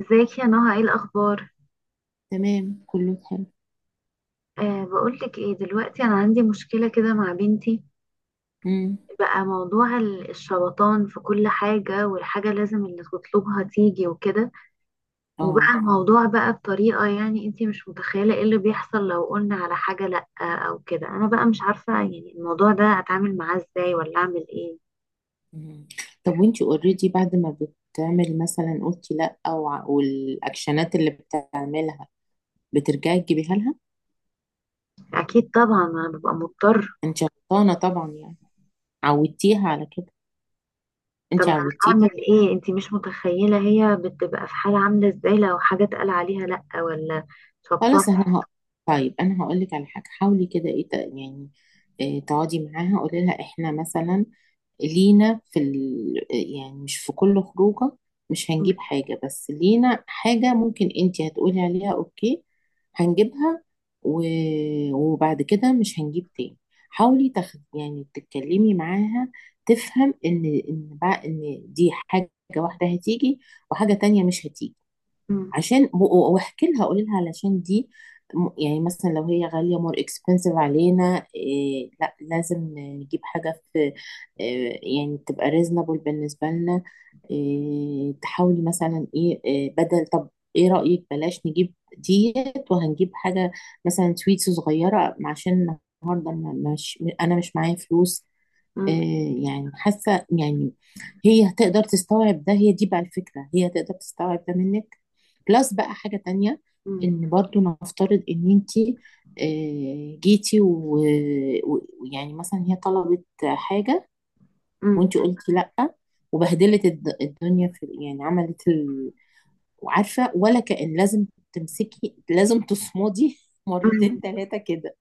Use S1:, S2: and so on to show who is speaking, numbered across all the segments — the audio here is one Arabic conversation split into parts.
S1: ازيك يا نهى؟ ايه الاخبار؟
S2: تمام، كله حلو.
S1: أه، بقولك ايه؟ دلوقتي انا عندي مشكله كده مع بنتي.
S2: امم.
S1: بقى موضوع الشبطان في كل حاجه، والحاجه لازم اللي تطلبها تيجي وكده. وبقى
S2: اه.
S1: الموضوع بقى بطريقه، يعني انتي مش متخيله ايه اللي بيحصل لو قلنا على حاجه لا او كده. انا بقى مش عارفه يعني الموضوع ده اتعامل معاه ازاي ولا اعمل ايه.
S2: مم. طب، وانتي اوريدي بعد ما بتعمل مثلا قلتي لا او والاكشنات اللي بتعملها، بترجعي تجيبيها لها؟
S1: اكيد طبعا، انا ببقى مضطر.
S2: انت غلطانه طبعا يعني، عودتيها على كده،
S1: طب
S2: انت
S1: انا اعمل
S2: عودتيها.
S1: ايه؟ انتي مش متخيله هي بتبقى في حاله عامله ازاي لو حاجه اتقال عليها لا، ولا شبطان.
S2: خلاص، انا هقول. طيب، انا هقول لك على حاجه، حاولي كده ايه يعني إيه، تقعدي معاها قولي لها احنا مثلا لينا يعني مش في كل خروجه مش هنجيب حاجه، بس لينا حاجه ممكن انت هتقولي عليها اوكي هنجيبها، و... وبعد كده مش هنجيب تاني. حاولي يعني تتكلمي معاها تفهم ان بقى ان دي حاجه واحده هتيجي، وحاجه تانية مش هتيجي.
S1: مم.
S2: عشان واحكي لها قولي لها علشان دي، يعني مثلا لو هي غالية مور اكسبنسيف علينا إيه، لا لازم نجيب حاجة في إيه يعني تبقى ريزنبل بالنسبة لنا. إيه تحاولي مثلا ايه، إيه بدل طب ايه رأيك بلاش نجيب ديت وهنجيب حاجة مثلا سويتس صغيرة، عشان النهاردة مش انا مش معايا فلوس.
S1: مم.
S2: يعني حاسه يعني هي هتقدر تستوعب ده، هي دي بقى الفكره، هي هتقدر تستوعب ده منك. بلس بقى حاجه تانية،
S1: مم.
S2: ان برضو نفترض ان انتي جيتي ويعني مثلا هي طلبت حاجه،
S1: مم.
S2: وانتي قلتي لا، وبهدلت الدنيا في يعني عملت وعارفه، ولا كأن لازم تمسكي، لازم تصمدي مرتين
S1: مم.
S2: ثلاثه كده.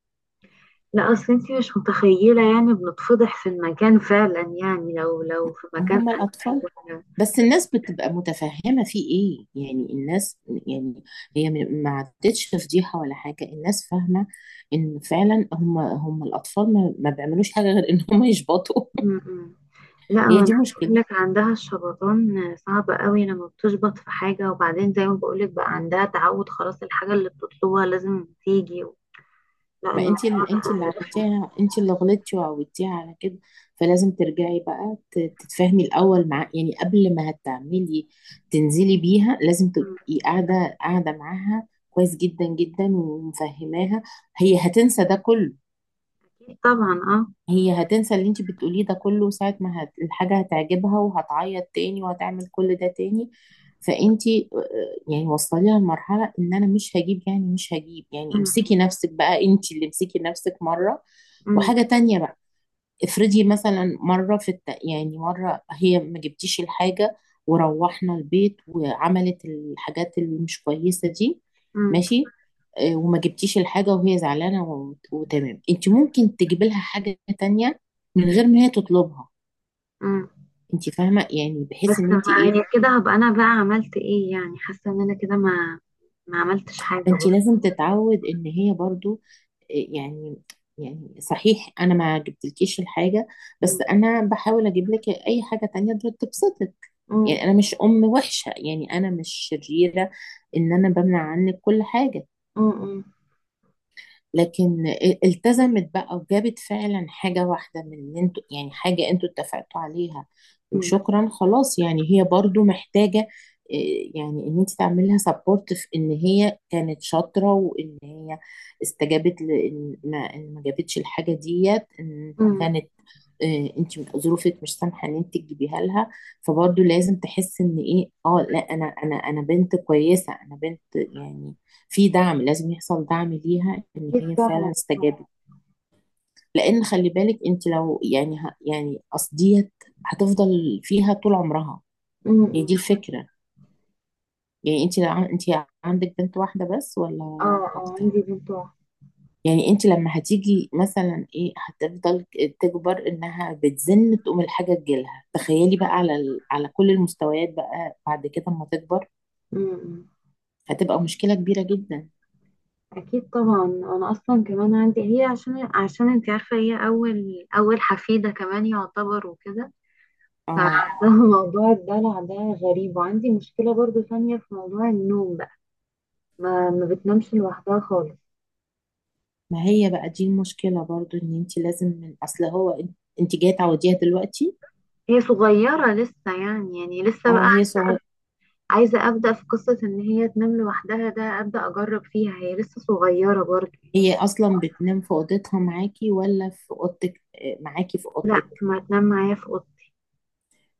S1: لا، اصل انت مش متخيله يعني بنتفضح في المكان فعلا، يعني لو في مكان
S2: هما
S1: ألعاب
S2: الاطفال بس الناس بتبقى متفهمة في ايه يعني، الناس يعني هي ما عدتش فضيحة ولا حاجة، الناس فاهمة ان فعلا هم الاطفال ما بيعملوش حاجة غير ان هم يشبطوا.
S1: مم. مم. لا،
S2: هي
S1: ما انا
S2: دي
S1: بقول
S2: مشكلة.
S1: لك عندها الشبطان صعب قوي لما بتشبط في حاجه، وبعدين زي ما بقول لك بقى عندها تعود، خلاص الحاجه اللي بتطلبها لازم تيجي. لا،
S2: ما انت انت
S1: الموضوع
S2: اللي
S1: ده رخم.
S2: عودتيها، انت اللي غلطتي وعودتيها على كده، فلازم ترجعي بقى تتفاهمي الاول مع يعني قبل ما هتعملي تنزلي بيها، لازم
S1: مم.
S2: تبقي قاعدة قاعدة معاها كويس جدا جدا ومفهماها. هي هتنسى ده كله،
S1: اكيد طبعا، اه.
S2: هي هتنسى اللي انت بتقوليه ده كله، ساعة ما الحاجة هتعجبها وهتعيط تاني وهتعمل كل ده تاني. فانت يعني وصليها لمرحلة ان انا مش هجيب، يعني مش هجيب، يعني امسكي
S1: مم.
S2: نفسك بقى، انت اللي امسكي نفسك مرة.
S1: مم.
S2: وحاجة تانية بقى، افرضي مثلا مرة في يعني مرة هي ما جبتيش الحاجة وروحنا البيت وعملت الحاجات اللي مش كويسة دي،
S1: مم.
S2: ماشي. وما جبتيش الحاجة وهي زعلانة وتمام، انت ممكن تجيب لها حاجة تانية من غير ما هي تطلبها.
S1: مم.
S2: انت فاهمة يعني،
S1: بس
S2: بحيث ان انت
S1: ما
S2: ايه،
S1: يعني كده هبقى انا بقى عملت ايه؟ يعني حاسه ان انا كده ما عملتش حاجه.
S2: انت لازم تتعود ان هي برضو يعني يعني صحيح انا ما جبتلكيش الحاجة،
S1: مم.
S2: بس انا بحاول اجيب لك اي حاجة تانية تبسطك.
S1: مم.
S2: يعني انا مش ام وحشة، يعني انا مش شريرة ان انا بمنع عنك كل حاجة،
S1: مم. برضه.
S2: لكن التزمت بقى وجابت فعلا حاجة واحدة من، ان انتوا يعني حاجة انتوا اتفقتوا عليها
S1: امم.
S2: وشكرا خلاص، يعني هي برضو محتاجة يعني ان انت تعملي لها سبورت في ان هي كانت شاطرة وان هي استجابت، لان ما إن ما جابتش الحاجة ديت ان
S1: امم. امم. امم،
S2: كانت انت ظروفك مش سامحة ان انت تجيبيها لها، فبرضو لازم تحس ان ايه، اه لا انا انا بنت كويسة، انا بنت يعني في دعم لازم يحصل، دعم ليها ان
S1: أكيد
S2: هي
S1: طبعا.
S2: فعلا استجابت. لان خلي بالك، انت لو يعني يعني اصل ديت هتفضل فيها طول عمرها.
S1: مم. مم.
S2: هي دي الفكره، يعني انت لو انت عندك بنت واحده بس ولا
S1: اه، اه،
S2: اكتر.
S1: عندي بنت واحدة.
S2: يعني انت لما هتيجي مثلا ايه هتفضل تكبر انها بتزن تقوم الحاجه تجيلها، تخيلي بقى على على كل المستويات بقى بعد كده اما تكبر
S1: مم. مم.
S2: هتبقى مشكله كبيره جدا.
S1: أكيد طبعا، أنا أصلا كمان عندي هي، عشان أنت عارفة، هي أول أول حفيدة كمان يعتبر وكده.
S2: اه،
S1: فموضوع الدلع ده غريب. وعندي مشكلة برضو ثانية في موضوع النوم بقى، ما بتنامش لوحدها خالص.
S2: ما هي بقى دي المشكلة برضو ان انت لازم من اصل هو، انت جاية تعوديها دلوقتي.
S1: هي صغيره لسه، يعني لسه
S2: اه، هي صغيرة.
S1: عايزة أبدأ في قصة إن هي تنام لوحدها، ده أبدأ أجرب فيها، هي لسه صغيرة برضه.
S2: هي اصلا بتنام في اوضتها معاكي ولا في اوضتك؟ آه، معاكي في
S1: لا،
S2: اوضتك.
S1: ما تنام معايا في أوضتي.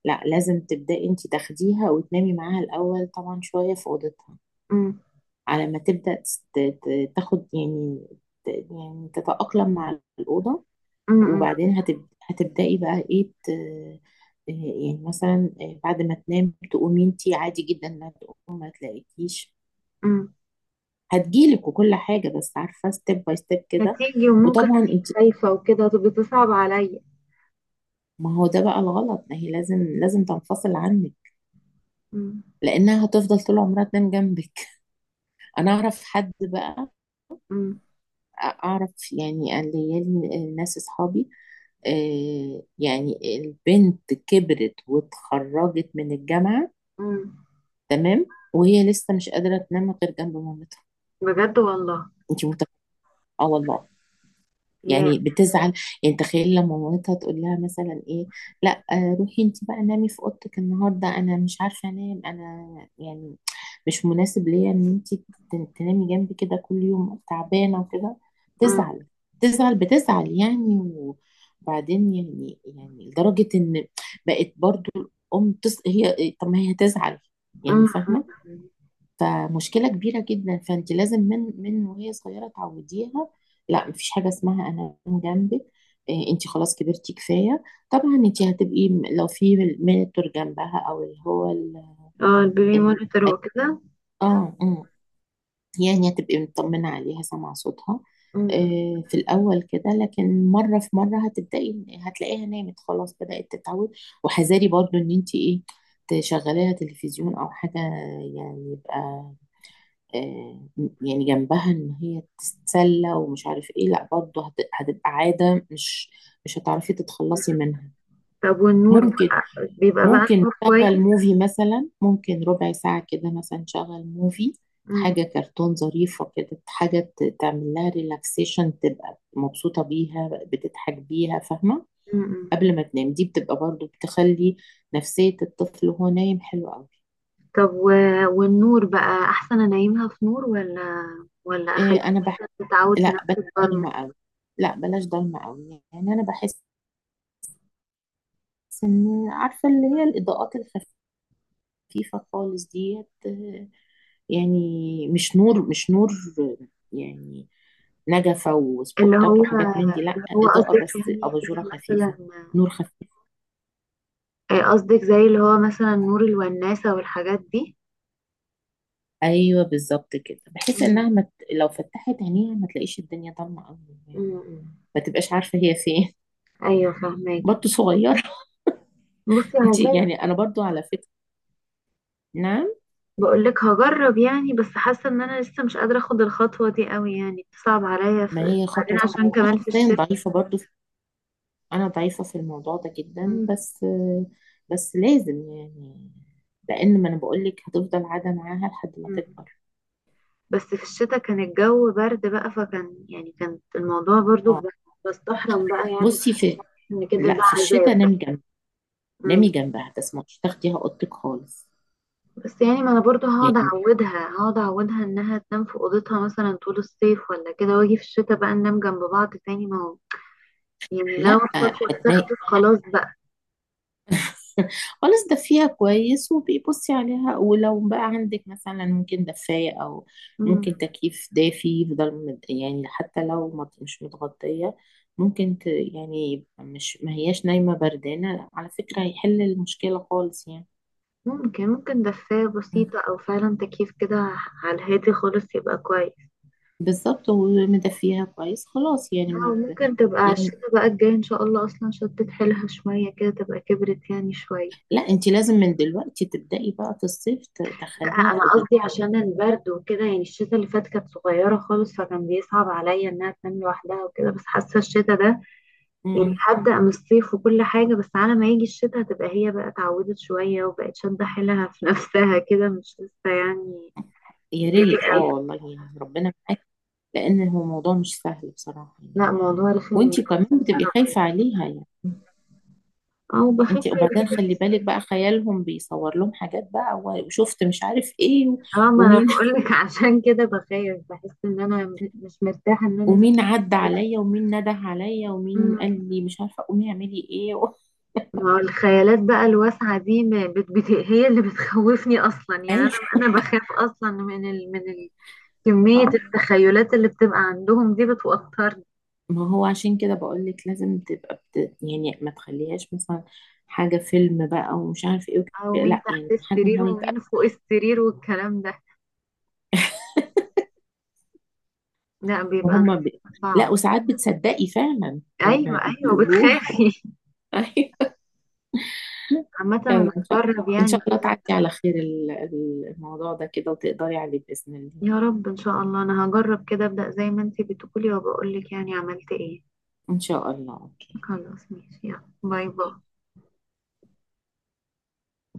S2: لا، لازم تبدأي انت تاخديها وتنامي معاها الاول طبعا شوية في اوضتها،
S1: أم.
S2: على ما تبدأ تاخد يعني يعني تتأقلم مع الأوضة.
S1: أم. أم.
S2: وبعدين هتبدأي بقى ايه يعني مثلا بعد ما تنام تقومي انتي عادي جدا، ما تقوم ما تلاقيكيش
S1: أم.
S2: هتجيلك وكل حاجة، بس عارفة، ستيب باي ستيب كده.
S1: هتيجي وممكن
S2: وطبعا انت،
S1: خايفة وكده تبقى تصعب عليا.
S2: ما هو ده بقى الغلط، ما هي لازم تنفصل عنك
S1: أم.
S2: لانها هتفضل طول عمرها تنام جنبك. انا اعرف حد بقى،
S1: أم.
S2: اعرف يعني، الليالي الناس اصحابي يعني البنت كبرت واتخرجت من الجامعة
S1: أم.
S2: تمام، وهي لسه مش قادرة تنام غير جنب مامتها.
S1: بجد والله.
S2: انت متخيلة؟ اه والله.
S1: يا.
S2: يعني بتزعل، يعني تخيل لما مامتها تقول لها مثلا ايه لا روحي انت بقى نامي في اوضتك النهارده، انا مش عارفه انام انا، يعني مش مناسب ليا ان انت تنامي جنبي كده كل يوم، تعبانه وكده،
S1: أم.
S2: تزعل، تزعل بتزعل يعني. وبعدين يعني لدرجه ان بقت برضو الام هي طب ما هي تزعل يعني،
S1: أم.
S2: فاهمه؟ فمشكلة كبيرة جدا. فانت لازم من وهي صغيرة تعوديها لا مفيش حاجة اسمها انا جنبك، انت خلاص كبرتي كفاية. طبعا انت هتبقي لو في مينتور جنبها او اللي هو
S1: اه، البيبي
S2: ال...
S1: مونيتور وكده.
S2: اه أمم. يعني هتبقي مطمنة عليها سامعة صوتها،
S1: أم. أم.
S2: في الأول كده، لكن مرة في مرة هتبدأي هتلاقيها نامت خلاص، بدأت تتعود. وحذاري برضو إن أنت إيه، تشغليها تلفزيون أو حاجة يعني، يبقى آه، يعني جنبها ان هي تتسلى ومش عارف ايه، لا برضه هتبقى عادة مش مش هتعرفي
S1: أم.
S2: تتخلصي منها.
S1: طب والنور
S2: ممكن،
S1: بقى، بيبقى بقى
S2: ممكن
S1: النور كويس؟
S2: نشغل موفي مثلا، ممكن ربع ساعة كده مثلا نشغل موفي
S1: أم.
S2: حاجة كرتون ظريفة كده، حاجة تعمل لها ريلاكسيشن، تبقى مبسوطة بيها، بتضحك بيها، فاهمة؟
S1: أم. أم.
S2: قبل ما تنام دي بتبقى برضه بتخلي نفسية الطفل وهو نايم حلوة قوي.
S1: طب والنور بقى احسن انيمها في نور، ولا اخليها
S2: انا،
S1: تتعود تنام
S2: لا بلاش
S1: في الضلمه؟
S2: ضلمة قوي، لا بلاش ضلمة قوي يعني، انا بحس ان، عارفة اللي هي الاضاءات الخفيفة خالص ديت يعني مش نور، مش نور آه، يعني نجفة
S1: اللي
S2: وسبوتات
S1: هو
S2: وحاجات من دي، لا،
S1: اللي هو
S2: إضاءة
S1: قصدك
S2: بس
S1: يعني
S2: أباجورة
S1: زي مثلا؟
S2: خفيفة، نور خفيف.
S1: آه، قصدك زي اللي هو مثلا نور الوناسه والحاجات دي.
S2: أيوة بالظبط كده، بحيث
S1: مم.
S2: إنها لو فتحت عينيها ما تلاقيش الدنيا ضلمة أوي، يعني
S1: مم.
S2: ما تبقاش عارفة هي فين،
S1: ايوه فهماكي.
S2: برضه صغيرة.
S1: بصي انا
S2: أنت
S1: زي،
S2: يعني، أنا برضه على فكرة. نعم.
S1: بقول لك هجرب يعني، بس حاسه ان انا لسه مش قادره اخد الخطوه دي قوي، يعني صعب عليا
S2: ما هي
S1: بعدين
S2: خطوة صعبة،
S1: عشان
S2: أنا
S1: كمان في
S2: شخصيا
S1: الشتاء.
S2: ضعيفة برضو أنا ضعيفة في الموضوع ده جدا، بس بس لازم يعني، لأن ما أنا بقولك هتفضل قاعدة معاها لحد ما
S1: مم.
S2: تكبر.
S1: بس في الشتاء كان الجو برد بقى، فكان يعني كان الموضوع برضو
S2: اه،
S1: بستحرم بقى يعني،
S2: بصي في،
S1: ان كده
S2: لا
S1: ده
S2: في
S1: عذاب
S2: الشتاء
S1: بقى.
S2: نامي
S1: مم.
S2: نامي جنبها، تسمعش تاخديها أوضتك خالص،
S1: بس يعني ما انا برضو هقعد
S2: يعني
S1: اعودها هقعد اعودها انها تنام في اوضتها مثلا طول الصيف ولا كده، واجي في الشتاء بقى ننام جنب بعض تاني؟ ما هو يعني لو
S2: لا
S1: الخطوة
S2: هتنامي.
S1: اتاخدت خلاص بقى.
S2: خلاص، دفيها كويس وبيبصي عليها، ولو بقى عندك مثلا ممكن دفاية أو
S1: مم.
S2: ممكن تكييف دافي يفضل يعني حتى لو مش متغطية، ممكن يعني يبقى مش ما هياش نايمة بردانة، على فكرة هيحل المشكلة خالص يعني.
S1: ممكن دفاية بسيطة أو فعلا تكييف كده على الهادي خالص يبقى كويس.
S2: بالظبط، ومدفيها كويس خلاص يعني ما
S1: أو
S2: ب...
S1: ممكن تبقى على
S2: يعني
S1: الشتا بقى الجاي إن شاء الله أصلا شدت حيلها شوية كده، تبقى كبرت يعني شوية.
S2: لا انت لازم من دلوقتي تبدأي بقى في الصيف
S1: لا،
S2: تخليها
S1: انا
S2: في أوضتها.
S1: قصدي عشان البرد وكده، يعني الشتا اللي فات كانت صغيره خالص فكان بيصعب عليا انها تنام لوحدها وكده، بس حاسه الشتا ده يعني
S2: مم.
S1: هبدا من الصيف وكل حاجه، بس على ما يجي الشتا هتبقى هي بقى اتعودت شويه وبقت شاده حيلها في نفسها كده، مش لسه يعني
S2: يا ريت،
S1: ديلي
S2: اه
S1: قوي.
S2: والله يعني ربنا معاك. لأن هو موضوع مش سهل بصراحة يعني.
S1: لا، موضوع رخم.
S2: وانتي كمان بتبقي خايفة عليها يعني،
S1: اه، وبخاف
S2: انتي وبعدين خلي بالك بقى، خيالهم بيصور لهم حاجات بقى وشفت مش عارف ايه
S1: اه ما انا
S2: ومين
S1: بقول لك عشان كده بخاف، بحس ان انا مش مرتاحه ان انا.
S2: ومين عدى عليا، ومين نده عليا، ومين
S1: مم.
S2: قال لي مش عارفة قومي اعملي ايه و...
S1: ما هو الخيالات بقى الواسعة دي، ما بت... بت... هي اللي بتخوفني أصلا، يعني
S2: اي،
S1: أنا بخاف أصلا كمية
S2: اه.
S1: التخيلات اللي بتبقى عندهم دي بتوترني.
S2: ما هو عشان كده بقول لك لازم تبقى يعني ما تخليهاش مثلا حاجة فيلم بقى ومش عارف ايه وكده.
S1: أو مين
S2: لا
S1: تحت
S2: يعني حاجة
S1: السرير
S2: لايت،
S1: ومين فوق السرير والكلام ده. لا، بيبقى
S2: وهم ب... لا
S1: صعب.
S2: وساعات بتصدقي فعلا اللي
S1: أيوة أيوة،
S2: بيقولوه.
S1: بتخافي. عامة أنا
S2: يلا
S1: هجرب
S2: ان
S1: يعني
S2: شاء الله
S1: كده.
S2: تعدي على خير الموضوع ده كده وتقدري عليه بإذن الله.
S1: يا رب إن شاء الله، أنا هجرب كده أبدأ زي ما أنتي بتقولي، وبقولك يعني عملت إيه.
S2: ان شاء الله، اوكي.
S1: خلاص ماشي، يلا باي باي.